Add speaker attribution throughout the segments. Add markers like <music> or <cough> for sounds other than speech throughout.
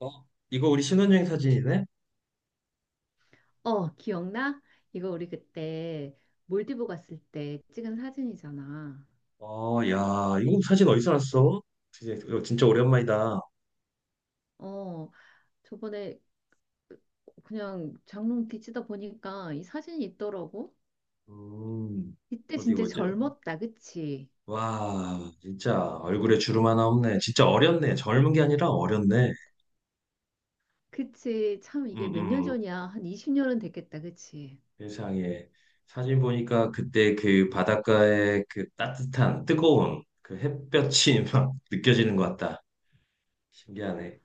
Speaker 1: 어? 이거 우리 신혼여행 사진이네?
Speaker 2: 어, 기억나? 이거 우리 그때 몰디브 갔을 때 찍은 사진이잖아.
Speaker 1: 어, 야, 이거 사진 어디서 났어? 진짜 이거 진짜 오랜만이다.
Speaker 2: 어, 저번에 그냥 장롱 뒤지다 보니까 이 사진이 있더라고.
Speaker 1: 음,
Speaker 2: 이때
Speaker 1: 어디
Speaker 2: 진짜
Speaker 1: 보자.
Speaker 2: 젊었다, 그치?
Speaker 1: 와, 진짜 얼굴에 주름 하나 없네. 진짜 어렸네. 젊은 게 아니라 어렸네.
Speaker 2: 그치. 참
Speaker 1: 음,
Speaker 2: 이게 몇 년
Speaker 1: 음.
Speaker 2: 전이야. 한 20년은 됐겠다, 그치?
Speaker 1: 세상에. 사진 보니까 그때 그 바닷가의 그 따뜻한, 뜨거운 그 햇볕이 <laughs> 막 느껴지는 것 같다. 신기하네.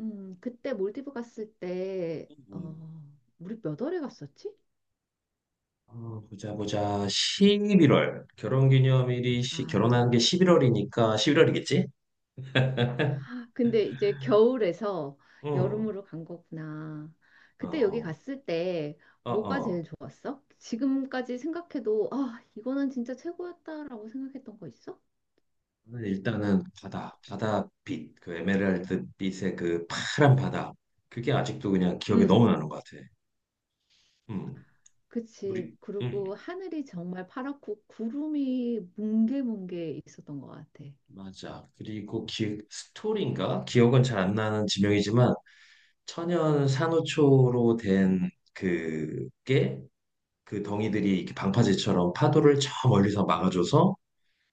Speaker 2: 그때 몰디브 갔을 때,
Speaker 1: 음. 음.
Speaker 2: 우리 몇 월에 갔었지?
Speaker 1: 어, 보자 보자 11월 결혼기념일이
Speaker 2: 아.
Speaker 1: 결혼한 게 11월이니까 11월이겠지?
Speaker 2: 근데 이제 겨울에서
Speaker 1: 응.
Speaker 2: 여름으로 간 거구나. 그때 여기
Speaker 1: 어,
Speaker 2: 갔을 때
Speaker 1: 어,
Speaker 2: 뭐가 제일
Speaker 1: 어.
Speaker 2: 좋았어? 지금까지 생각해도 아, 이거는 진짜 최고였다라고 생각했던 거 있어?
Speaker 1: 오늘 일단은 바다, 바다빛, 그 에메랄드 빛의 그 파란 바다. 그게 아직도 그냥 기억에
Speaker 2: 응,
Speaker 1: 너무 나는 것 같아. 음,
Speaker 2: 그치.
Speaker 1: 우리, 음,
Speaker 2: 그리고 하늘이 정말 파랗고 구름이 뭉게뭉게 있었던 것 같아.
Speaker 1: 맞아. 그리고 기, 스토리인가? 기억은 잘 안 나는 지명이지만 천연 산호초로 된 그게 그 덩이들이 이렇게 방파제처럼 파도를 저 멀리서 막아줘서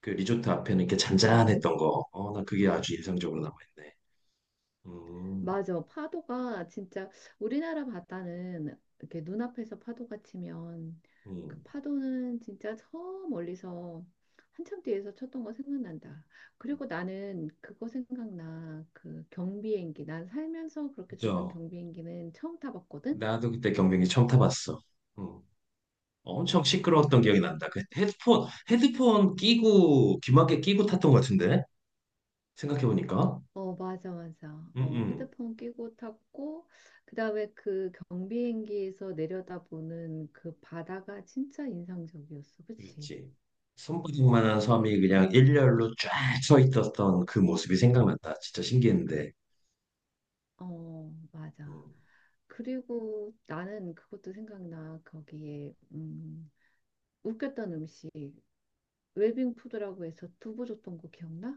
Speaker 1: 그 리조트 앞에는 이렇게
Speaker 2: 어,
Speaker 1: 잔잔했던 거. 어, 나 그게 아주 인상적으로 남아있네. 음,
Speaker 2: 맞아. 파도가 진짜 우리나라 바다는 이렇게 눈앞에서 파도가 치면 그
Speaker 1: 음.
Speaker 2: 파도는 진짜 저 멀리서 한참 뒤에서 쳤던 거 생각난다. 그리고 나는 그거 생각나. 그 경비행기. 난 살면서 그렇게 작은
Speaker 1: 그죠.
Speaker 2: 경비행기는 처음 타봤거든.
Speaker 1: 나도 그때 경비행기 처음 타봤어. 음. 엄청 시끄러웠던 기억이
Speaker 2: 그치?
Speaker 1: 난다. 그 헤드폰, 헤드폰 끼고, 귀마개 끼고 탔던 것 같은데? 생각해보니까.
Speaker 2: 어, 맞아, 맞아.
Speaker 1: 음,
Speaker 2: 어,
Speaker 1: 음.
Speaker 2: 헤드폰 끼고 탔고, 그 다음에 그 경비행기에서 내려다보는 그 바다가 진짜 인상적이었어. 그치?
Speaker 1: 그렇지. 손바닥만한
Speaker 2: 어.
Speaker 1: 섬이 그냥 일렬로 쫙 서 있었던 그 모습이 생각난다. 진짜 신기했는데.
Speaker 2: 어, 맞아.
Speaker 1: 음.
Speaker 2: 그리고 나는 그것도 생각나. 거기에 웃겼던 음식 웰빙 푸드라고 해서 두부 줬던 거 기억나?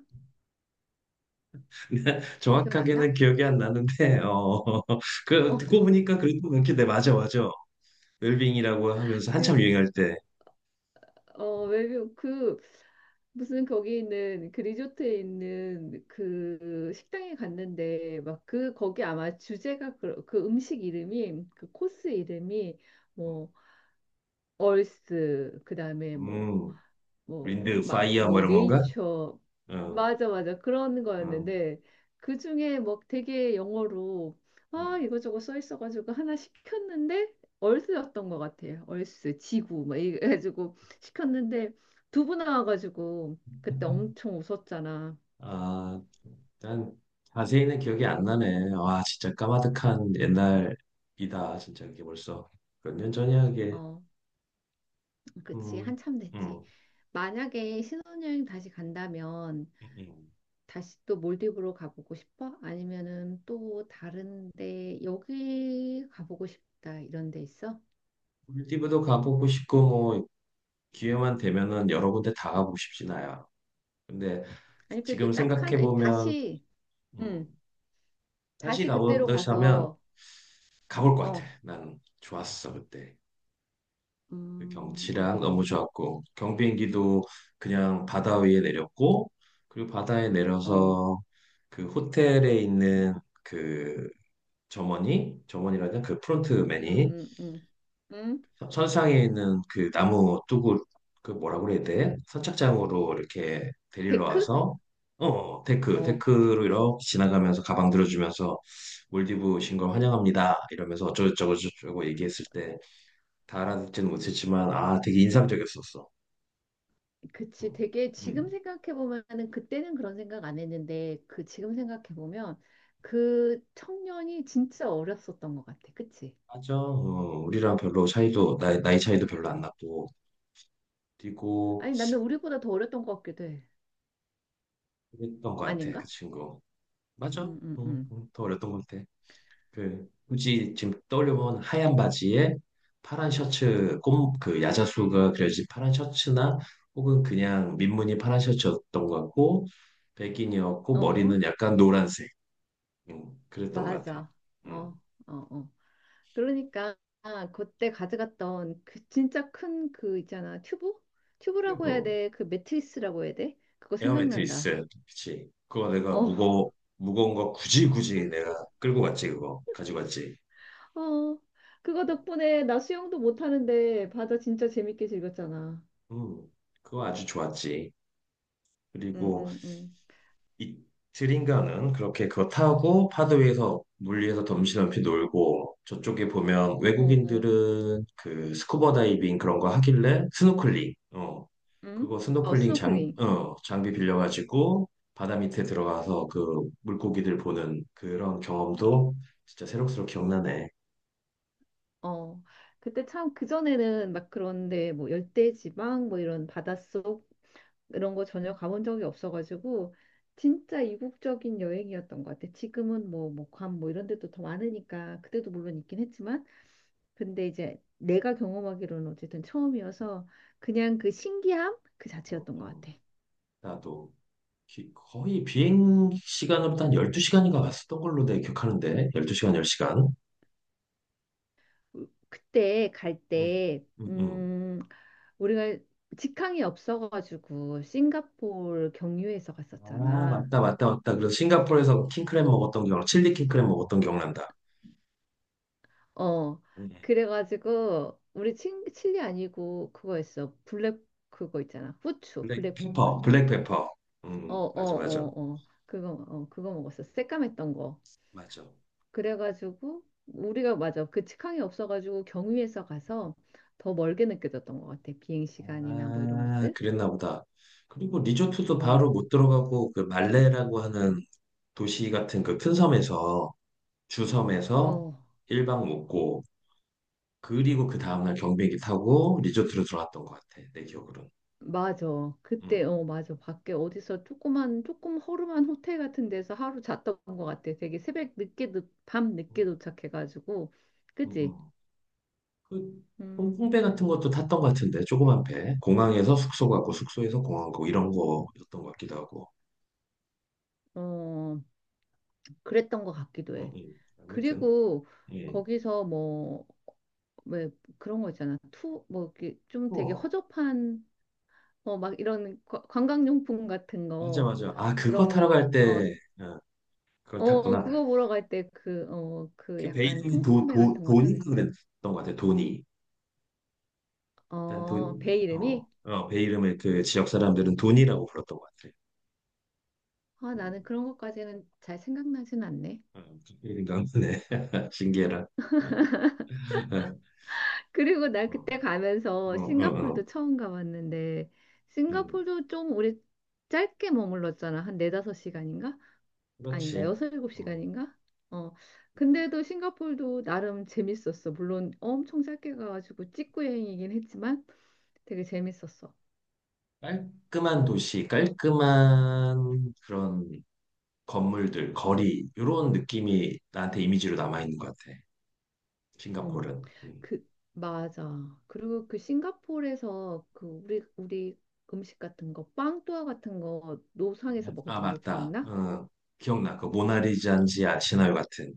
Speaker 1: <laughs>
Speaker 2: 기억 안
Speaker 1: 정확하게는
Speaker 2: 나?
Speaker 1: 기억이 안 나는데, 어, <laughs>
Speaker 2: <laughs>
Speaker 1: 그,
Speaker 2: 어,
Speaker 1: 듣고 보니까 그래도 그렇게, 네, 맞아, 맞아. 웰빙이라고 하면서
Speaker 2: 그,
Speaker 1: 한참 유행할 때,
Speaker 2: 웰빙 그 무슨 거기 있는 그 리조트에 있는 그 식당에 갔는데 막 그 거기 아마 주제가 그, 그 음식 이름이 그 코스 이름이 뭐 얼스 그다음에 뭐
Speaker 1: 음,
Speaker 2: 뭐,
Speaker 1: 윈드,
Speaker 2: 막,
Speaker 1: 파이어 뭐
Speaker 2: 뭐,
Speaker 1: 이런 건가?
Speaker 2: 네이처.
Speaker 1: 어,
Speaker 2: 맞아, 맞아. 그런
Speaker 1: 어,
Speaker 2: 거였는데, 그 중에 뭐 되게 영어로,
Speaker 1: 어.
Speaker 2: 아, 이거저거 써 있어가지고 하나 시켰는데, 얼스였던 것 같아요. 얼스, 지구, 막 이래가지고 시켰는데, 두부 나와가지고, 그때 엄청 웃었잖아.
Speaker 1: 아, 난 자세히는 기억이 안 나네. 와, 진짜 까마득한 옛날이다. 진짜 이게 벌써 몇 년 전이야 이게.
Speaker 2: 어, 그치.
Speaker 1: 음,
Speaker 2: 한참 됐지.
Speaker 1: 음,
Speaker 2: 만약에 신혼여행 다시 간다면,
Speaker 1: 음.
Speaker 2: 다시 또 몰디브로 가보고 싶어? 아니면은 또 다른데 여기 가보고 싶다 이런 데 있어?
Speaker 1: 꿀디브도 가보고 싶고 뭐 기회만 되면은 여러 군데 다 가보고 싶진 않아. 근데
Speaker 2: 아니
Speaker 1: 지금
Speaker 2: 그래도 딱
Speaker 1: 생각해
Speaker 2: 하나 아니,
Speaker 1: 보면,
Speaker 2: 다시
Speaker 1: 음,
Speaker 2: 음
Speaker 1: 다시
Speaker 2: 다시 그때로
Speaker 1: 가보자면
Speaker 2: 가서
Speaker 1: 가볼 것 같아.
Speaker 2: 어
Speaker 1: 난 좋았어 그때. 그 경치랑 너무
Speaker 2: 몰디브
Speaker 1: 좋았고 경비행기도 그냥 바다 위에 내렸고 그리고 바다에
Speaker 2: 어
Speaker 1: 내려서 그 호텔에 있는 그 점원이 점원이라는 그 프론트맨이
Speaker 2: 음 음 음
Speaker 1: 선상에 있는 그 나무 뚜구 그 뭐라고 그래야 돼? 선착장으로 이렇게 데리러
Speaker 2: 데크?
Speaker 1: 와서 어 데크
Speaker 2: 어
Speaker 1: 데크로 이렇게 지나가면서 가방 들어주면서 몰디브 오신 걸 환영합니다 이러면서 어쩌고저쩌고 저쩌고 얘기했을 때 다 알아듣지는 못했지만 아 되게 인상적이었었어.
Speaker 2: 그치. 되게 지금
Speaker 1: 음,
Speaker 2: 생각해 보면은 그때는 그런 생각 안 했는데 그 지금 생각해 보면 그 청년이 진짜 어렸었던 것 같아. 그치?
Speaker 1: 맞아. 어, 우리랑 별로 차이도, 나이 차이도
Speaker 2: 어.
Speaker 1: 별로 안 났고, 뛰고,
Speaker 2: 아니 나는 우리보다 더 어렸던 것 같기도 해.
Speaker 1: 그랬던 것 같아, 그
Speaker 2: 아닌가?
Speaker 1: 친구. 맞아. 어,
Speaker 2: 음, 음, 음.
Speaker 1: 어, 더 어렸던 것 같아. 그, 굳이 지금 떠올려보면 하얀 바지에 파란 셔츠, 꼼, 그 야자수가 그려진 파란 셔츠나, 혹은 그냥 민무늬 파란 셔츠였던 것 같고, 백인이었고,
Speaker 2: 어,
Speaker 1: 머리는 약간 노란색. 그랬던 것 같아.
Speaker 2: 맞아.
Speaker 1: 음.
Speaker 2: 어, 어, 어. 그러니까 그때 가져갔던 그 진짜 큰 그 있잖아. 튜브? 튜브라고 해야
Speaker 1: 그리고,
Speaker 2: 돼. 그 매트리스라고 해야 돼. 그거
Speaker 1: 에어
Speaker 2: 생각난다.
Speaker 1: 매트리스. 그치. 그거 내가
Speaker 2: 어,
Speaker 1: 무거워, 무거운 거 굳이 굳이 내가 끌고 갔지, 그거. 가지고 갔지.
Speaker 2: 어. 그거 덕분에 나 수영도 못 하는데 바다 진짜 재밌게 즐겼잖아.
Speaker 1: 음, 그거 아주 좋았지.
Speaker 2: 응,
Speaker 1: 그리고
Speaker 2: 응, 응.
Speaker 1: 이틀인가는 그렇게 그거 타고 파도 위에서, 물 위에서 덤시덤시 놀고, 저쪽에 보면
Speaker 2: 어, 어.
Speaker 1: 외국인들은 그 스쿠버 다이빙 그런 거 하길래 스노클링, 어.
Speaker 2: 응?
Speaker 1: 그거
Speaker 2: 어,
Speaker 1: 스노클링 장,
Speaker 2: 스노클링.
Speaker 1: 어, 장비 빌려가지고 바다 밑에 들어가서 그 물고기들 보는 그런 경험도 진짜 새록새록 기억나네.
Speaker 2: 어. 그때 참 그전에는 막 그런데 뭐 열대지방 뭐 이런 바닷속 이런 거 전혀 가본 적이 없어가지고 진짜 이국적인 여행이었던 것 같아. 지금은 뭐 목함 뭐 이런 데도 더 많으니까 그때도 물론 있긴 했지만 근데 이제 내가 경험하기로는 어쨌든 처음이어서 그냥 그 신기함 그
Speaker 1: 어,
Speaker 2: 자체였던 것
Speaker 1: 어.
Speaker 2: 같아.
Speaker 1: 나도 거의 비행 시간으로도 한 12시간인가 왔었던 걸로 내 기억하는데 12시간 10시간
Speaker 2: 그때 갈
Speaker 1: 응.
Speaker 2: 때,
Speaker 1: 응, 응.
Speaker 2: 우리가 직항이 없어가지고 싱가포르 경유해서
Speaker 1: 아
Speaker 2: 갔었잖아.
Speaker 1: 맞다 맞다 맞다 그래서 싱가포르에서 킹크랩 먹었던 기억 칠리 킹크랩 먹었던 기억난다
Speaker 2: 어,
Speaker 1: 응.
Speaker 2: 그래가지고, 우리 칠리 아니고, 그거였어. 블랙, 그거 있잖아. 후추,
Speaker 1: 블랙페퍼
Speaker 2: 블랙페퍼였나?
Speaker 1: 블랙페퍼
Speaker 2: 어,
Speaker 1: 응
Speaker 2: 어,
Speaker 1: 맞아 맞아
Speaker 2: 어, 어. 그거, 그거 먹었어. 새까맸던 거.
Speaker 1: 맞아
Speaker 2: 그래가지고, 우리가 맞아. 그 직항이 없어가지고, 경유해서 가서 더 멀게 느껴졌던 것 같아. 비행 시간이나 뭐 이런
Speaker 1: 아
Speaker 2: 것들.
Speaker 1: 그랬나 보다 그리고 리조트도 바로
Speaker 2: 어,
Speaker 1: 못 들어가고 그 말레라고 하는 도시 같은 그 큰 섬에서 주섬에서
Speaker 2: 어.
Speaker 1: 일 박 묵고 그리고 그 다음날 경비행기 타고 리조트로 들어갔던 것 같아. 내 기억으로는.
Speaker 2: 맞아. 그때,
Speaker 1: 음.
Speaker 2: 어, 맞아. 밖에 어디서 조그만, 조금 허름한 호텔 같은 데서 하루 잤던 것 같아. 되게 새벽 늦게, 밤 늦게 도착해가지고.
Speaker 1: 음,
Speaker 2: 그치?
Speaker 1: 음. 그
Speaker 2: 음,
Speaker 1: 홍콩배 같은 것도 탔던 것 같은데 조그만 배. 공항에서 숙소 가고 숙소에서 공항 가고 이런 거였던 것 같기도 하고.
Speaker 2: 어, 그랬던 것 같기도 해.
Speaker 1: 아무튼.
Speaker 2: 그리고
Speaker 1: 예.
Speaker 2: 거기서 뭐, 왜 그런 거 있잖아. 투, 뭐, 이렇게 좀 되게
Speaker 1: 우와.
Speaker 2: 허접한, 어, 막 이런 관광용품 같은
Speaker 1: 맞아
Speaker 2: 거,
Speaker 1: 맞아. 아 그거
Speaker 2: 그런
Speaker 1: 타러
Speaker 2: 거,
Speaker 1: 갈
Speaker 2: 어,
Speaker 1: 때. 어, 그걸
Speaker 2: 어,
Speaker 1: 탔구나.
Speaker 2: 그거 보러 갈 때 그, 어, 그
Speaker 1: 그 배
Speaker 2: 약간
Speaker 1: 이름이
Speaker 2: 통통배 같은 거
Speaker 1: 도니
Speaker 2: 타는,
Speaker 1: 그랬던 것 같아. 도니. 일단
Speaker 2: 어,
Speaker 1: 돈.
Speaker 2: 배
Speaker 1: 어.
Speaker 2: 이름이?
Speaker 1: 어, 배 이름을 그 지역 사람들은 돈이라고 불렀던 것 같아.
Speaker 2: 아,
Speaker 1: 음.
Speaker 2: 나는 그런 것까지는 잘 생각나진 않네.
Speaker 1: 어, 남편의 <laughs> 징계라. 어,
Speaker 2: 그리고 나 그때
Speaker 1: 어,
Speaker 2: 가면서
Speaker 1: 어, 어.
Speaker 2: 싱가폴도 처음 가봤는데,
Speaker 1: 음,
Speaker 2: 싱가폴도 좀 우리 짧게 머물렀잖아. 한 네다섯 시간인가? 아니다,
Speaker 1: 그렇지.
Speaker 2: 여섯 일곱
Speaker 1: 음,
Speaker 2: 시간인가? 어. 근데도 싱가폴도 나름 재밌었어. 물론 엄청 짧게 가가지고 찍고 여행이긴 했지만 되게 재밌었어.
Speaker 1: 깔끔한 도시, 깔끔한 그런 건물들, 거리, 이런 느낌이 나한테 이미지로 남아있는 것 같아.
Speaker 2: 음,
Speaker 1: 싱가포르는. 음.
Speaker 2: 그, 맞아. 그리고 그 싱가포르에서 그 우리 음식 같은 거, 빵또아 같은 거, 노상에서
Speaker 1: 아,
Speaker 2: 먹었던 거
Speaker 1: 맞다.
Speaker 2: 기억나?
Speaker 1: 어, 기억나. 그 모나리자인지 아시나요 같은.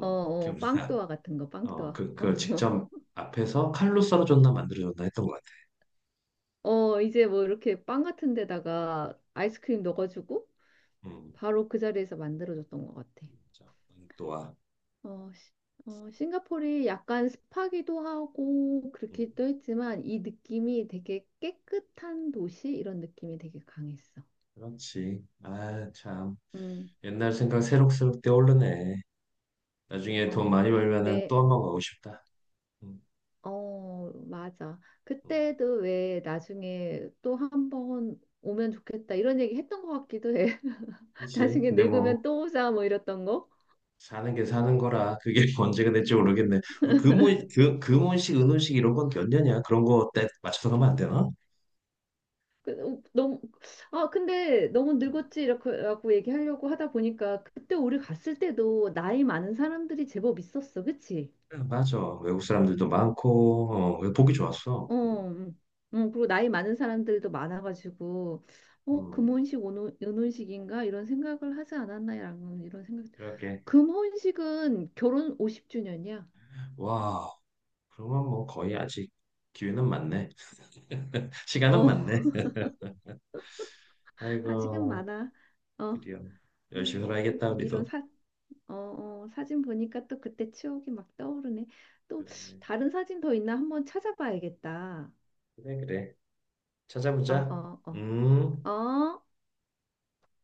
Speaker 2: 어, 어,
Speaker 1: 기억나.
Speaker 2: 빵또아 같은 거,
Speaker 1: 어,
Speaker 2: 빵또아.
Speaker 1: 그, 그걸
Speaker 2: <laughs>
Speaker 1: 직접 앞에서 칼로 썰어줬나 만들어줬나 했던 것 같아.
Speaker 2: 어, 어, 이제 뭐 이렇게 빵 같은 데다가 아이스크림 넣어주고
Speaker 1: 음,
Speaker 2: 바로 그 자리에서 만들어줬던 것 같아.
Speaker 1: 진짜. 또한.
Speaker 2: 어, 시- 어, 싱가포르이 약간 습하기도 하고 그렇기도 했지만 이 느낌이 되게 깨끗한 도시 이런 느낌이 되게 강했어.
Speaker 1: 그렇지. 아, 참.
Speaker 2: 음.
Speaker 1: 옛날 생각 새록새록 떠오르네. 나중에 돈
Speaker 2: 어,
Speaker 1: 많이 벌면은 또
Speaker 2: 왜,
Speaker 1: 한 번 가고 싶다. 음,
Speaker 2: 어, 맞아.
Speaker 1: 음.
Speaker 2: 그때도 왜 나중에 또 한번 오면 좋겠다 이런 얘기 했던 것 같기도 해. <laughs>
Speaker 1: 그렇지.
Speaker 2: 나중에
Speaker 1: 근데
Speaker 2: 늙으면
Speaker 1: 뭐
Speaker 2: 또 오자 뭐 이랬던 거.
Speaker 1: 사는 게 사는 거라 그게 <laughs> 언제가 될지 모르겠네. 뭐 금혼 그 금혼식, 은혼식 이런 건 몇 년이야? 그런 거 때 맞춰서 가면 안 되나?
Speaker 2: 그, 어, 너무, 아, 근데 너무 늙었지 이렇게 라고 얘기하려고 하다 보니까 그때 우리 갔을 때도 나이 많은 사람들이 제법 있었어. 그치?
Speaker 1: 맞아. 외국 사람들도 많고 어, 보기 좋았어.
Speaker 2: 어, 음, 그리고 나이 많은 사람들도 많아가지고, 어,
Speaker 1: 음,
Speaker 2: 금혼식, 은혼식인가? 이런 생각을 하지 않았나? 라는 이런 생각.
Speaker 1: 그렇게
Speaker 2: 금혼식은 결혼 50주년이야.
Speaker 1: 와. 그러면 뭐 거의 아직 기회는 많네. <laughs> 시간은
Speaker 2: 어,
Speaker 1: 많네.
Speaker 2: <laughs> 아직은
Speaker 1: 아이고,
Speaker 2: 많아. 어,
Speaker 1: 드디어
Speaker 2: 아,
Speaker 1: 열심히 살아야겠다
Speaker 2: 이런
Speaker 1: 우리도.
Speaker 2: 사, 어, 어, 사진 보니까 또 그때 추억이 막 떠오르네. 또
Speaker 1: 그러네.
Speaker 2: 다른 사진 더 있나 한번 찾아봐야겠다.
Speaker 1: 그래, 그래.
Speaker 2: 어,
Speaker 1: 찾아보자.
Speaker 2: 어, 어,
Speaker 1: 음.
Speaker 2: 어.